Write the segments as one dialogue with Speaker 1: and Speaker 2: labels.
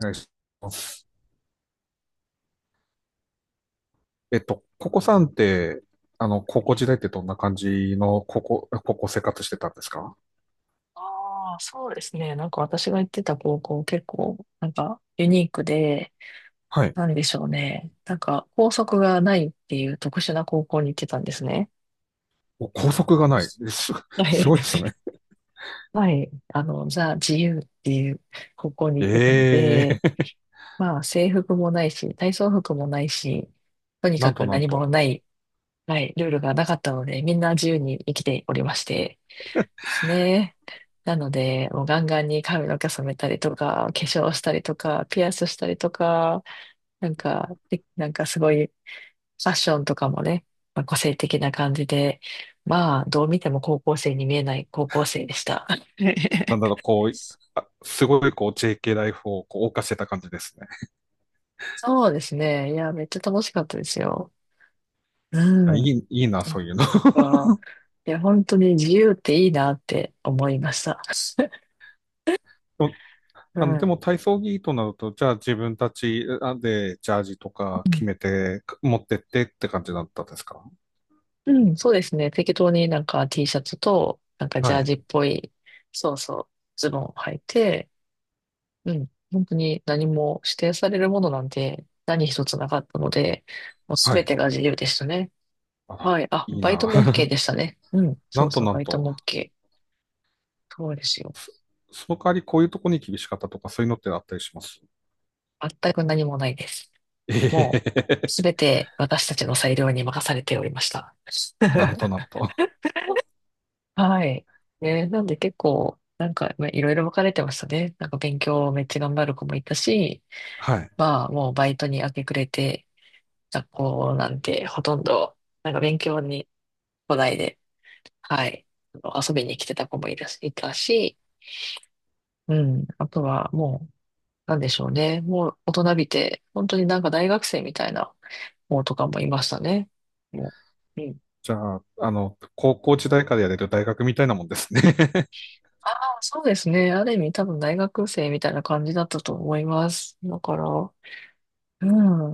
Speaker 1: お願いします。ココさんって、高校時代ってどんな感じの高校生活してたんですか？
Speaker 2: ああ、そうですね。なんか私が行ってた高校結構、なんかユニークで、
Speaker 1: はい。
Speaker 2: なんでしょうね。なんか校則がないっていう特殊な高校に行ってたんですね。
Speaker 1: お校則がない。えす、
Speaker 2: は
Speaker 1: す
Speaker 2: い。
Speaker 1: ごいです ね。
Speaker 2: はい。あの、ザ・自由っていう高校に行ってたの
Speaker 1: え
Speaker 2: で、
Speaker 1: え
Speaker 2: まあ制服もないし、体操服もないし、と に
Speaker 1: な
Speaker 2: か
Speaker 1: んと
Speaker 2: く
Speaker 1: なん
Speaker 2: 何も
Speaker 1: と。
Speaker 2: ない。はい、ルールがなかったので、みんな自由に生きておりまして、ですね。なので、もうガンガンに髪の毛染めたりとか、化粧したりとか、ピアスしたりとか、なんか、でなんかすごい、ファッションとかもね、まあ、個性的な感じで、まあ、どう見ても高校生に見えない高校生でした。
Speaker 1: なんだろう、こう、あすごいこう JK ライフをこう謳歌してた感じですね。
Speaker 2: そうですね。いや、めっちゃ楽しかったですよ。
Speaker 1: あ
Speaker 2: うん。
Speaker 1: い
Speaker 2: なん
Speaker 1: い、いいな、そういうの。
Speaker 2: か、いや、本当に自由っていいなって思いました。
Speaker 1: でも
Speaker 2: う
Speaker 1: でも
Speaker 2: ん。
Speaker 1: 体操着となると、じゃあ自分たちあでジャージとか
Speaker 2: う
Speaker 1: 決
Speaker 2: ん、
Speaker 1: めて持ってってって感じだったんですか？
Speaker 2: うん、そうですね。適当になんか T シャツと、なんかジ
Speaker 1: は
Speaker 2: ャー
Speaker 1: い。
Speaker 2: ジっぽい、そうそう、ズボンを履いて、うん、本当に何も指定されるものなんて何一つなかったので、もうす
Speaker 1: は
Speaker 2: べ
Speaker 1: い。
Speaker 2: てが自由でしたね。
Speaker 1: あら、
Speaker 2: はい。あ、
Speaker 1: いい
Speaker 2: バイト
Speaker 1: な。
Speaker 2: も OK でしたね。うん、
Speaker 1: な
Speaker 2: そ
Speaker 1: ん
Speaker 2: う
Speaker 1: と
Speaker 2: そう、
Speaker 1: な
Speaker 2: バ
Speaker 1: ん
Speaker 2: イト
Speaker 1: と、
Speaker 2: も OK。そうですよ。
Speaker 1: そその代わりこういうとこに厳しかったとかそういうのってあったりします？
Speaker 2: 全く何もないです。
Speaker 1: え
Speaker 2: もう、
Speaker 1: え
Speaker 2: すべて私たちの裁量に任されておりました。
Speaker 1: なんとな んと。
Speaker 2: はい。ね、なんで結構、なんか、まあ、いろいろ分かれてましたね。なんか勉強めっちゃ頑張る子もいたし、
Speaker 1: はい。
Speaker 2: まあもうバイトに明け暮れて、学校なんてほとんど、なんか勉強に来ないで、はい、あの遊びに来てた子もいたし、うん、あとはもう、なんでしょうね。もう大人びて、本当になんか大学生みたいな子とかもいましたね。もう、うん。
Speaker 1: じゃあ、高校時代からやれる大学みたいなもんですね。
Speaker 2: ああ、そうですね。ある意味多分大学生みたいな感じだったと思います。だから、う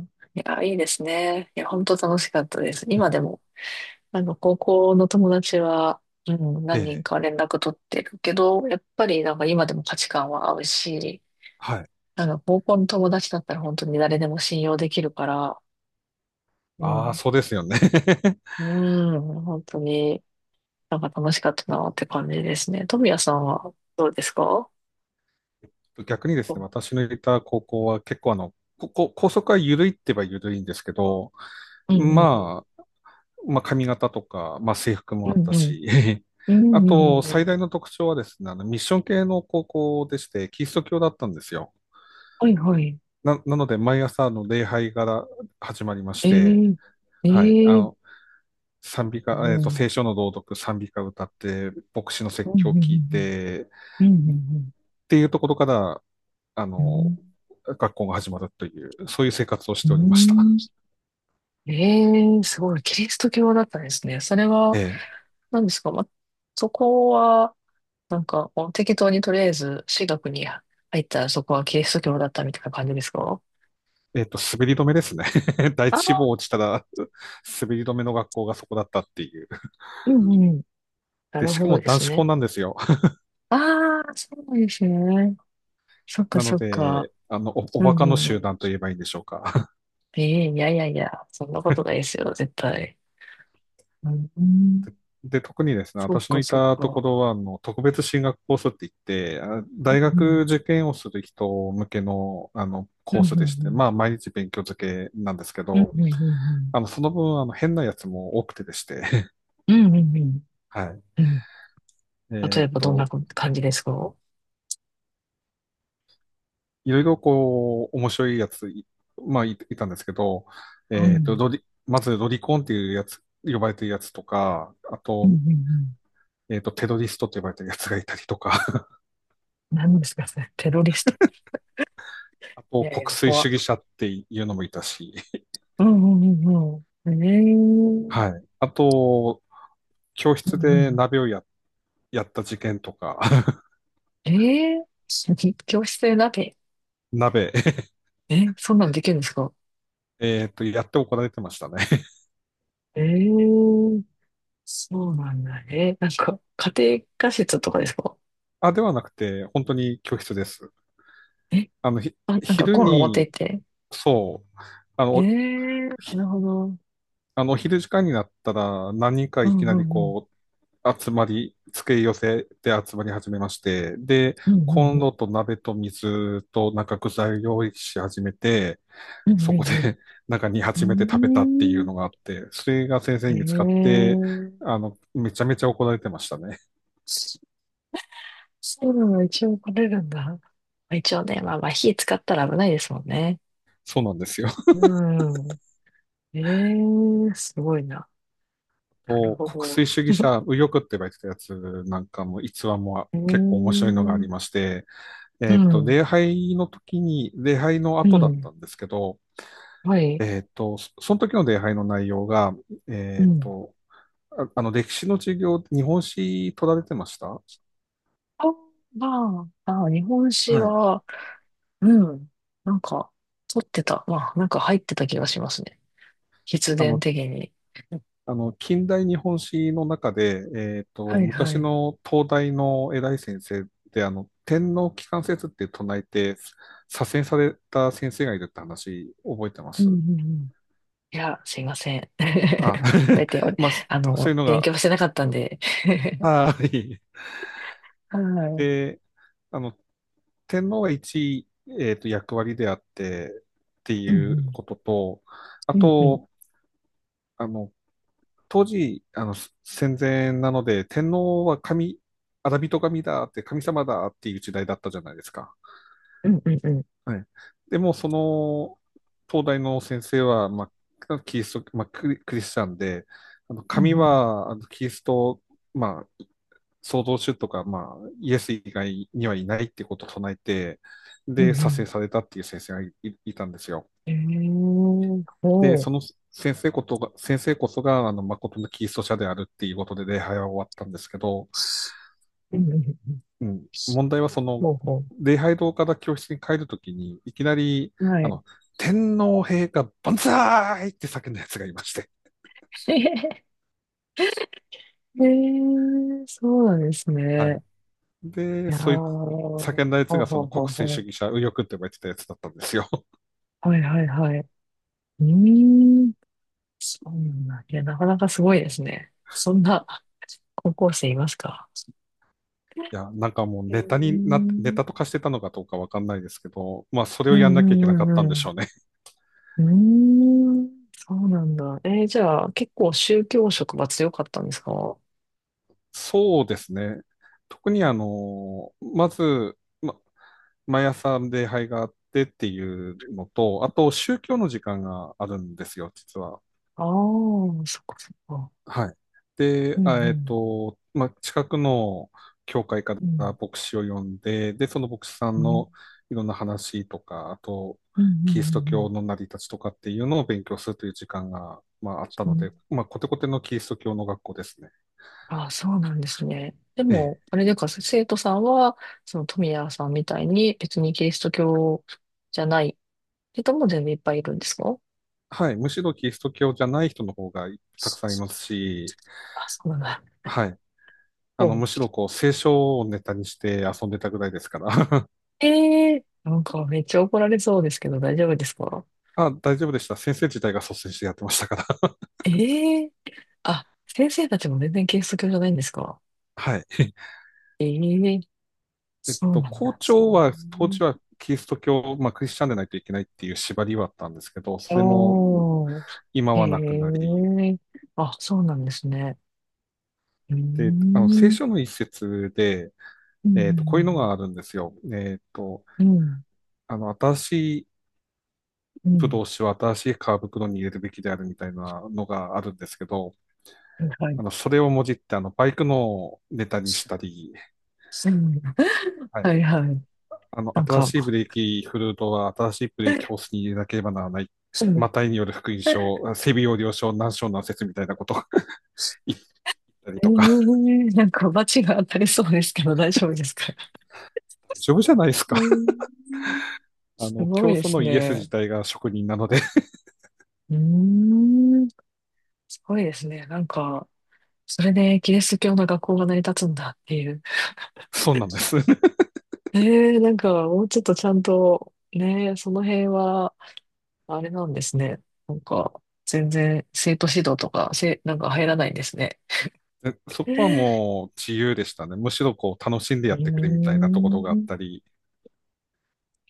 Speaker 2: ん。いや、いいですね。いや、本当楽しかったです。今で も、あの、高校の友達は、うん、何人
Speaker 1: ええ
Speaker 2: か連絡取ってるけど、やっぱりなんか今でも価値観は合うし、
Speaker 1: はい。
Speaker 2: なんか高校の友達だったら本当に誰でも信用できるから、う
Speaker 1: ああ、
Speaker 2: ん、
Speaker 1: そうですよね。
Speaker 2: うん、本当になんか楽しかったなって感じですね。富谷さんはどうですか？
Speaker 1: 逆にで
Speaker 2: う
Speaker 1: すね、
Speaker 2: ん
Speaker 1: 私のいた高校は結構ここ校則は緩いって言えば緩いんですけど、
Speaker 2: うんう
Speaker 1: ま
Speaker 2: ん。
Speaker 1: あ、まあ髪型とか、まあ制服
Speaker 2: う
Speaker 1: もあった
Speaker 2: んうん。
Speaker 1: し、
Speaker 2: うんう
Speaker 1: あ
Speaker 2: んう
Speaker 1: と
Speaker 2: んう
Speaker 1: 最
Speaker 2: ん。
Speaker 1: 大の特徴はですね、あのミッション系の高校でして、キリスト教だったんですよ。
Speaker 2: はいはい。
Speaker 1: なので、毎朝の礼拝から始まりまして、
Speaker 2: ええ、
Speaker 1: はい、
Speaker 2: ええ、
Speaker 1: 賛美歌、
Speaker 2: うん。う
Speaker 1: 聖
Speaker 2: ん
Speaker 1: 書の朗読、賛美歌歌って、牧師の
Speaker 2: うん
Speaker 1: 説
Speaker 2: うん
Speaker 1: 教を聞いて、
Speaker 2: うんうんう
Speaker 1: っ
Speaker 2: ん
Speaker 1: ていうところから、あ
Speaker 2: う
Speaker 1: の、
Speaker 2: ん。
Speaker 1: 学校が始まるという、そういう生活をし
Speaker 2: うん。
Speaker 1: ておりました。
Speaker 2: うん、ええ、すごい。キリスト教だったんですね。それは、
Speaker 1: え
Speaker 2: 何ですか、ま、そこは、なんか、こう適当にとりあえず、私学に入ったらそこはキリスト教だったみたいな感じですか？
Speaker 1: え滑り止めですね。第一志
Speaker 2: あ、
Speaker 1: 望落ちたら、滑り止めの学校がそこだったっていう。
Speaker 2: うんうん。な
Speaker 1: で、
Speaker 2: る
Speaker 1: し
Speaker 2: ほ
Speaker 1: かも
Speaker 2: どで
Speaker 1: 男
Speaker 2: す
Speaker 1: 子校
Speaker 2: ね。
Speaker 1: なんですよ。
Speaker 2: ああ、そうなんですね。そっか
Speaker 1: なの
Speaker 2: そっか。
Speaker 1: で、お
Speaker 2: う
Speaker 1: バ
Speaker 2: んう
Speaker 1: カの
Speaker 2: んう
Speaker 1: 集
Speaker 2: ん。
Speaker 1: 団と言えばいいんでしょうか。
Speaker 2: ええ、いやいやいや、そんなことないですよ、絶対。うん、
Speaker 1: で、特にですね、
Speaker 2: そっ
Speaker 1: 私の
Speaker 2: か
Speaker 1: い
Speaker 2: そっ
Speaker 1: たとこ
Speaker 2: か。
Speaker 1: ろは、特別進学コースって言って、あ
Speaker 2: う
Speaker 1: 大学
Speaker 2: ん
Speaker 1: 受験をする人向けの、
Speaker 2: うん
Speaker 1: コ
Speaker 2: う
Speaker 1: ースでして、
Speaker 2: ん
Speaker 1: まあ、毎日勉強漬けなんですけ
Speaker 2: うん
Speaker 1: ど、
Speaker 2: うんうんうんうんうん
Speaker 1: その分、変なやつも多くてでして、
Speaker 2: うんうんうん。
Speaker 1: はい。
Speaker 2: うん。
Speaker 1: え
Speaker 2: 例
Speaker 1: ー
Speaker 2: え
Speaker 1: っ
Speaker 2: ばどんな
Speaker 1: と、
Speaker 2: 感じですか？
Speaker 1: いろいろこう、面白いやつ、いいたんですけど、
Speaker 2: うん。うん
Speaker 1: まずロリコンっていうやつ、呼ばれてるやつとか、あ
Speaker 2: うんう
Speaker 1: と、
Speaker 2: ん。
Speaker 1: テロリストって呼ばれてるやつがいたりとか、
Speaker 2: 何ですかそれ？テロリスト。
Speaker 1: あ
Speaker 2: い
Speaker 1: と、
Speaker 2: やい
Speaker 1: 国
Speaker 2: や、
Speaker 1: 粋
Speaker 2: 怖
Speaker 1: 主義
Speaker 2: っ。
Speaker 1: 者っていうのもいたし、
Speaker 2: うんうんうんうん。ええ、
Speaker 1: はい。あと、教
Speaker 2: う
Speaker 1: 室
Speaker 2: んう
Speaker 1: で
Speaker 2: ん。
Speaker 1: 鍋をや、やった事件とか、
Speaker 2: ええー、教室で鍋。
Speaker 1: 鍋、
Speaker 2: え、そんなのできるんですか？
Speaker 1: やって怒られてましたね。
Speaker 2: ええ、そうなんだ。え、なんか、家庭科室とかですか？
Speaker 1: あ、ではなくて、本当に教室です。
Speaker 2: え、あ、なんか
Speaker 1: 昼
Speaker 2: コンロ持って行
Speaker 1: に、
Speaker 2: って。
Speaker 1: そう、あの、
Speaker 2: え
Speaker 1: お
Speaker 2: え、なるほど。
Speaker 1: あの、お昼時間になったら、何人か
Speaker 2: う
Speaker 1: いき
Speaker 2: んう
Speaker 1: なり
Speaker 2: んうん。
Speaker 1: 集まり、付け寄せで集まり始めまして、で、
Speaker 2: うんうん
Speaker 1: コン
Speaker 2: うん。
Speaker 1: ロと鍋と水となんか具材を用意し始めて、
Speaker 2: うん
Speaker 1: そ
Speaker 2: う
Speaker 1: こで
Speaker 2: ん
Speaker 1: なんか煮
Speaker 2: う
Speaker 1: 始 めて
Speaker 2: ん。う
Speaker 1: 食べ
Speaker 2: ー
Speaker 1: たっていうの
Speaker 2: ん、
Speaker 1: があって、それが先生
Speaker 2: へ
Speaker 1: に見つかって、
Speaker 2: え。
Speaker 1: めちゃめちゃ怒られてましたね。
Speaker 2: そそういうのが一応取れるんだ。一応ね、まあまあ火使ったら危ないですもんね。
Speaker 1: そうなんですよ。
Speaker 2: うん。ええ、すごいな。なる
Speaker 1: と
Speaker 2: ほ
Speaker 1: 国
Speaker 2: ど。
Speaker 1: 粋主義者、右翼って言われてたやつなんかも逸話も
Speaker 2: ええ、う
Speaker 1: 結構面白いのがあ
Speaker 2: ん、
Speaker 1: りまして、礼拝の時に、礼拝の
Speaker 2: う
Speaker 1: 後だっ
Speaker 2: ん。
Speaker 1: たんですけど、
Speaker 2: はい。
Speaker 1: その時の礼拝の内容が、
Speaker 2: う
Speaker 1: えっ
Speaker 2: ん。
Speaker 1: と、あの、歴史の授業、日本史取られてました？
Speaker 2: あ、まあ、まあ、日本酒
Speaker 1: はい。
Speaker 2: は、うん。なんか、取ってた。まあ、なんか入ってた気がしますね。必
Speaker 1: あ
Speaker 2: 然
Speaker 1: の、
Speaker 2: 的に。
Speaker 1: あの、近代日本史の中で、
Speaker 2: はいは
Speaker 1: 昔
Speaker 2: い。
Speaker 1: の東大の偉い先生で、天皇機関説って唱えて、左遷された先生がいるって話、覚えてま
Speaker 2: うん
Speaker 1: す？
Speaker 2: うんうん。いや、すいません。
Speaker 1: あ、
Speaker 2: 覚え て、お
Speaker 1: まあ、
Speaker 2: あ
Speaker 1: そう
Speaker 2: の、
Speaker 1: いうの
Speaker 2: 勉
Speaker 1: が、
Speaker 2: 強してなかったんで。
Speaker 1: はい。
Speaker 2: はい。うん
Speaker 1: で、あの、天皇が一位、役割であってって
Speaker 2: う
Speaker 1: いう
Speaker 2: ん。
Speaker 1: ことと、あ
Speaker 2: うんうん。
Speaker 1: と、あの、当時、戦前なので、天皇は神、アラビト神だって、神様だっていう時代だったじゃないですか。
Speaker 2: うんうんうん。
Speaker 1: はい。でも、その、東大の先生は、まあ、キリスト、まあ、クリ、クリスチャンで、
Speaker 2: う
Speaker 1: 神
Speaker 2: ん
Speaker 1: は、あのキリスト、まあ、創造主とか、まあ、イエス以外にはいないってことを唱えて、
Speaker 2: う
Speaker 1: で、
Speaker 2: ん。うんう
Speaker 1: 左遷
Speaker 2: ん。
Speaker 1: されたっていう先生がいいたんですよ。
Speaker 2: えー、
Speaker 1: で、
Speaker 2: ほう。
Speaker 1: その先生こそが、誠のキリスト者であるっていうことで礼拝は終わったんですけど、
Speaker 2: うんうんうん。
Speaker 1: うん、問題はその、
Speaker 2: ほうほ
Speaker 1: 礼拝堂から教室に帰るときに、いきなり、
Speaker 2: う。は
Speaker 1: あ
Speaker 2: い。
Speaker 1: の、天皇陛下万歳って叫んだやつがいまして。
Speaker 2: ええー、そうなんです
Speaker 1: はい。
Speaker 2: ね。い
Speaker 1: で、
Speaker 2: やー、
Speaker 1: そういう叫んだやつ
Speaker 2: ほう
Speaker 1: がそ
Speaker 2: ほう
Speaker 1: の
Speaker 2: ほ
Speaker 1: 国
Speaker 2: う
Speaker 1: 粋主
Speaker 2: ほ
Speaker 1: 義者、右翼って呼ばれてたやつだったんですよ。
Speaker 2: う。はいはいはい。うーん、そうなんだ。いや、なかなかすごいですね。そんな高校生いますか？
Speaker 1: いや、なんかもう
Speaker 2: へ
Speaker 1: ネタにな
Speaker 2: え、
Speaker 1: って、ネタとかしてたのかどうかわかんないですけど、まあそれ
Speaker 2: う
Speaker 1: をや
Speaker 2: ん
Speaker 1: ん
Speaker 2: う
Speaker 1: なきゃい
Speaker 2: ん
Speaker 1: けなかっ
Speaker 2: う
Speaker 1: た
Speaker 2: んう
Speaker 1: んでし
Speaker 2: ん。
Speaker 1: ょうね。
Speaker 2: うーん、そうなんだ。じゃあ、結構宗教色は強かったんですか？
Speaker 1: そうですね。特にあの、まず、ま、毎朝礼拝があってっていうのと、あと宗教の時間があるんですよ、実は。
Speaker 2: ああー、そっかそっか。
Speaker 1: はい。
Speaker 2: う
Speaker 1: で、
Speaker 2: んうん。
Speaker 1: まあ、近くの教会か
Speaker 2: う
Speaker 1: ら
Speaker 2: ん。
Speaker 1: 牧師を呼んで、で、その牧師さん
Speaker 2: うん。
Speaker 1: のいろんな話とか、あと、
Speaker 2: うんう
Speaker 1: キリスト
Speaker 2: ん
Speaker 1: 教の成り立ちとかっていうのを勉強するという時間が、まあ、あった
Speaker 2: うん
Speaker 1: の
Speaker 2: う
Speaker 1: で、
Speaker 2: ん。
Speaker 1: まあ、コテコテのキリスト教の学校ですね。
Speaker 2: ああ、そうなんですね。で
Speaker 1: ええ
Speaker 2: も、あれでか、生徒さんは、その富谷さんみたいに別にキリスト教じゃない人も全然いっぱいいるんですか？
Speaker 1: はい。むしろキリスト教じゃない人の方がたくさんいますし、
Speaker 2: あ、そうなんだ。
Speaker 1: はい。
Speaker 2: ほう、
Speaker 1: むしろこう、聖書をネタにして遊んでたぐらいですから。
Speaker 2: ええ、なんかめっちゃ怒られそうですけど大丈夫ですか？
Speaker 1: あ、大丈夫でした。先生自体が率先してやってましたから。
Speaker 2: ええ、あ、先生たちも全然キリスト教じゃないんですか？
Speaker 1: はい。
Speaker 2: ええ、そうなん
Speaker 1: 校
Speaker 2: だ。そ
Speaker 1: 長
Speaker 2: う、
Speaker 1: は、当時はキリスト教、まあ、クリスチャンでないといけないっていう縛りはあったんですけど、それも
Speaker 2: お
Speaker 1: 今
Speaker 2: ー、え
Speaker 1: はなくなり、
Speaker 2: え、あ、そうなんですね。うー
Speaker 1: で、聖
Speaker 2: ん、
Speaker 1: 書の一節で、
Speaker 2: う
Speaker 1: こういうの
Speaker 2: ん、
Speaker 1: があるんですよ。
Speaker 2: うん、うん、
Speaker 1: 新し
Speaker 2: う
Speaker 1: ブ
Speaker 2: ん、
Speaker 1: ドウ酒は新しい革袋に入れるべきであるみたいなのがあるんですけど、
Speaker 2: うん、はい、はい。
Speaker 1: それをもじって、バイクのネタにしたり、
Speaker 2: うん、
Speaker 1: は
Speaker 2: は
Speaker 1: い。
Speaker 2: いはい。なん
Speaker 1: 新
Speaker 2: か、
Speaker 1: しいブレーキフルートは新しいブレーキホースに入れなければならない。
Speaker 2: うん、
Speaker 1: マタイによる福音
Speaker 2: え
Speaker 1: 症、整備要領書、難症難説みたいなことを 言ったり
Speaker 2: え、
Speaker 1: とか、
Speaker 2: なんか、罰が当たりそうですけど、大丈夫ですか？
Speaker 1: 大丈夫じゃないです
Speaker 2: うー
Speaker 1: か。
Speaker 2: ん、すごい
Speaker 1: 教
Speaker 2: で
Speaker 1: 祖
Speaker 2: す
Speaker 1: のイエス
Speaker 2: ね。
Speaker 1: 自体が職人なので、
Speaker 2: うーん、すごいですね。なんか、それでキリスト教の学校が成り立つんだっていう。
Speaker 1: そうなんです。
Speaker 2: ええ、なんか、もうちょっとちゃんと、ね、その辺は、あれなんですね。なんか、全然、生徒指導とか、なんか入らないんですね。
Speaker 1: でそこは
Speaker 2: う
Speaker 1: もう自由でしたね。むしろこう楽しんで
Speaker 2: ー
Speaker 1: やってくれみたいなところがあった
Speaker 2: ん。
Speaker 1: り、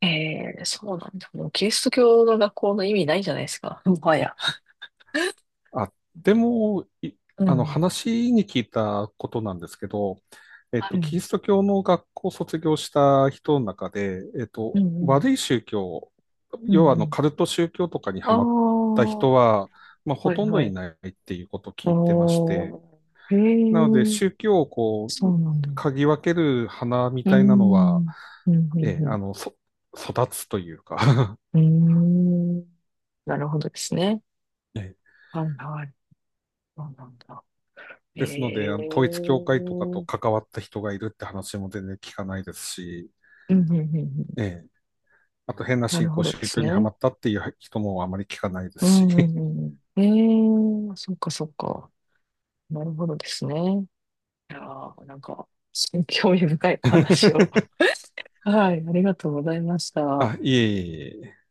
Speaker 2: ええ、そうなんだ。もう、キリスト教の学校の意味ないじゃないですか。もはや。
Speaker 1: あ、でも、い
Speaker 2: うん。
Speaker 1: 話に聞いたことなんですけど、
Speaker 2: う
Speaker 1: キリ
Speaker 2: ん。
Speaker 1: スト教の学校を卒業した人の中で、
Speaker 2: うん。うん。
Speaker 1: 悪い宗教、
Speaker 2: う
Speaker 1: 要
Speaker 2: ん
Speaker 1: は
Speaker 2: うん。
Speaker 1: カルト宗教とかに
Speaker 2: あ
Speaker 1: ハ
Speaker 2: あ、
Speaker 1: マった
Speaker 2: は
Speaker 1: 人は、まあ、ほ
Speaker 2: い
Speaker 1: とんど
Speaker 2: は
Speaker 1: い
Speaker 2: い。
Speaker 1: ないっていうことを聞いてまして、
Speaker 2: おー、へ
Speaker 1: なので、
Speaker 2: え、
Speaker 1: 宗教をこ
Speaker 2: そ
Speaker 1: う、
Speaker 2: うなんだ。
Speaker 1: 嗅ぎ分ける花み
Speaker 2: うー
Speaker 1: たいなのは、
Speaker 2: ん。うん、う
Speaker 1: ええ、
Speaker 2: ん、
Speaker 1: 育つというか
Speaker 2: うん。うーん。なるほどですね。
Speaker 1: ええ
Speaker 2: はい、はい。そうなんだ。
Speaker 1: ですの
Speaker 2: ええ
Speaker 1: で、あの統一教
Speaker 2: ー、
Speaker 1: 会とかと関わった人がいるって話も全然聞かないですし、
Speaker 2: うん、うん、うん、うん。
Speaker 1: ええ、あと変な
Speaker 2: なる
Speaker 1: 信
Speaker 2: ほ
Speaker 1: 仰
Speaker 2: どで
Speaker 1: 宗
Speaker 2: す
Speaker 1: 教には
Speaker 2: ね。
Speaker 1: まったっていう人もあまり聞かないで
Speaker 2: うん、
Speaker 1: す
Speaker 2: う
Speaker 1: し。
Speaker 2: ん、うんうん。ええー、そっか、そっか。なるほどですね。いやー、なんか、興味深いお話を。はい、ありがとうございました。
Speaker 1: あ、いえいえいえ。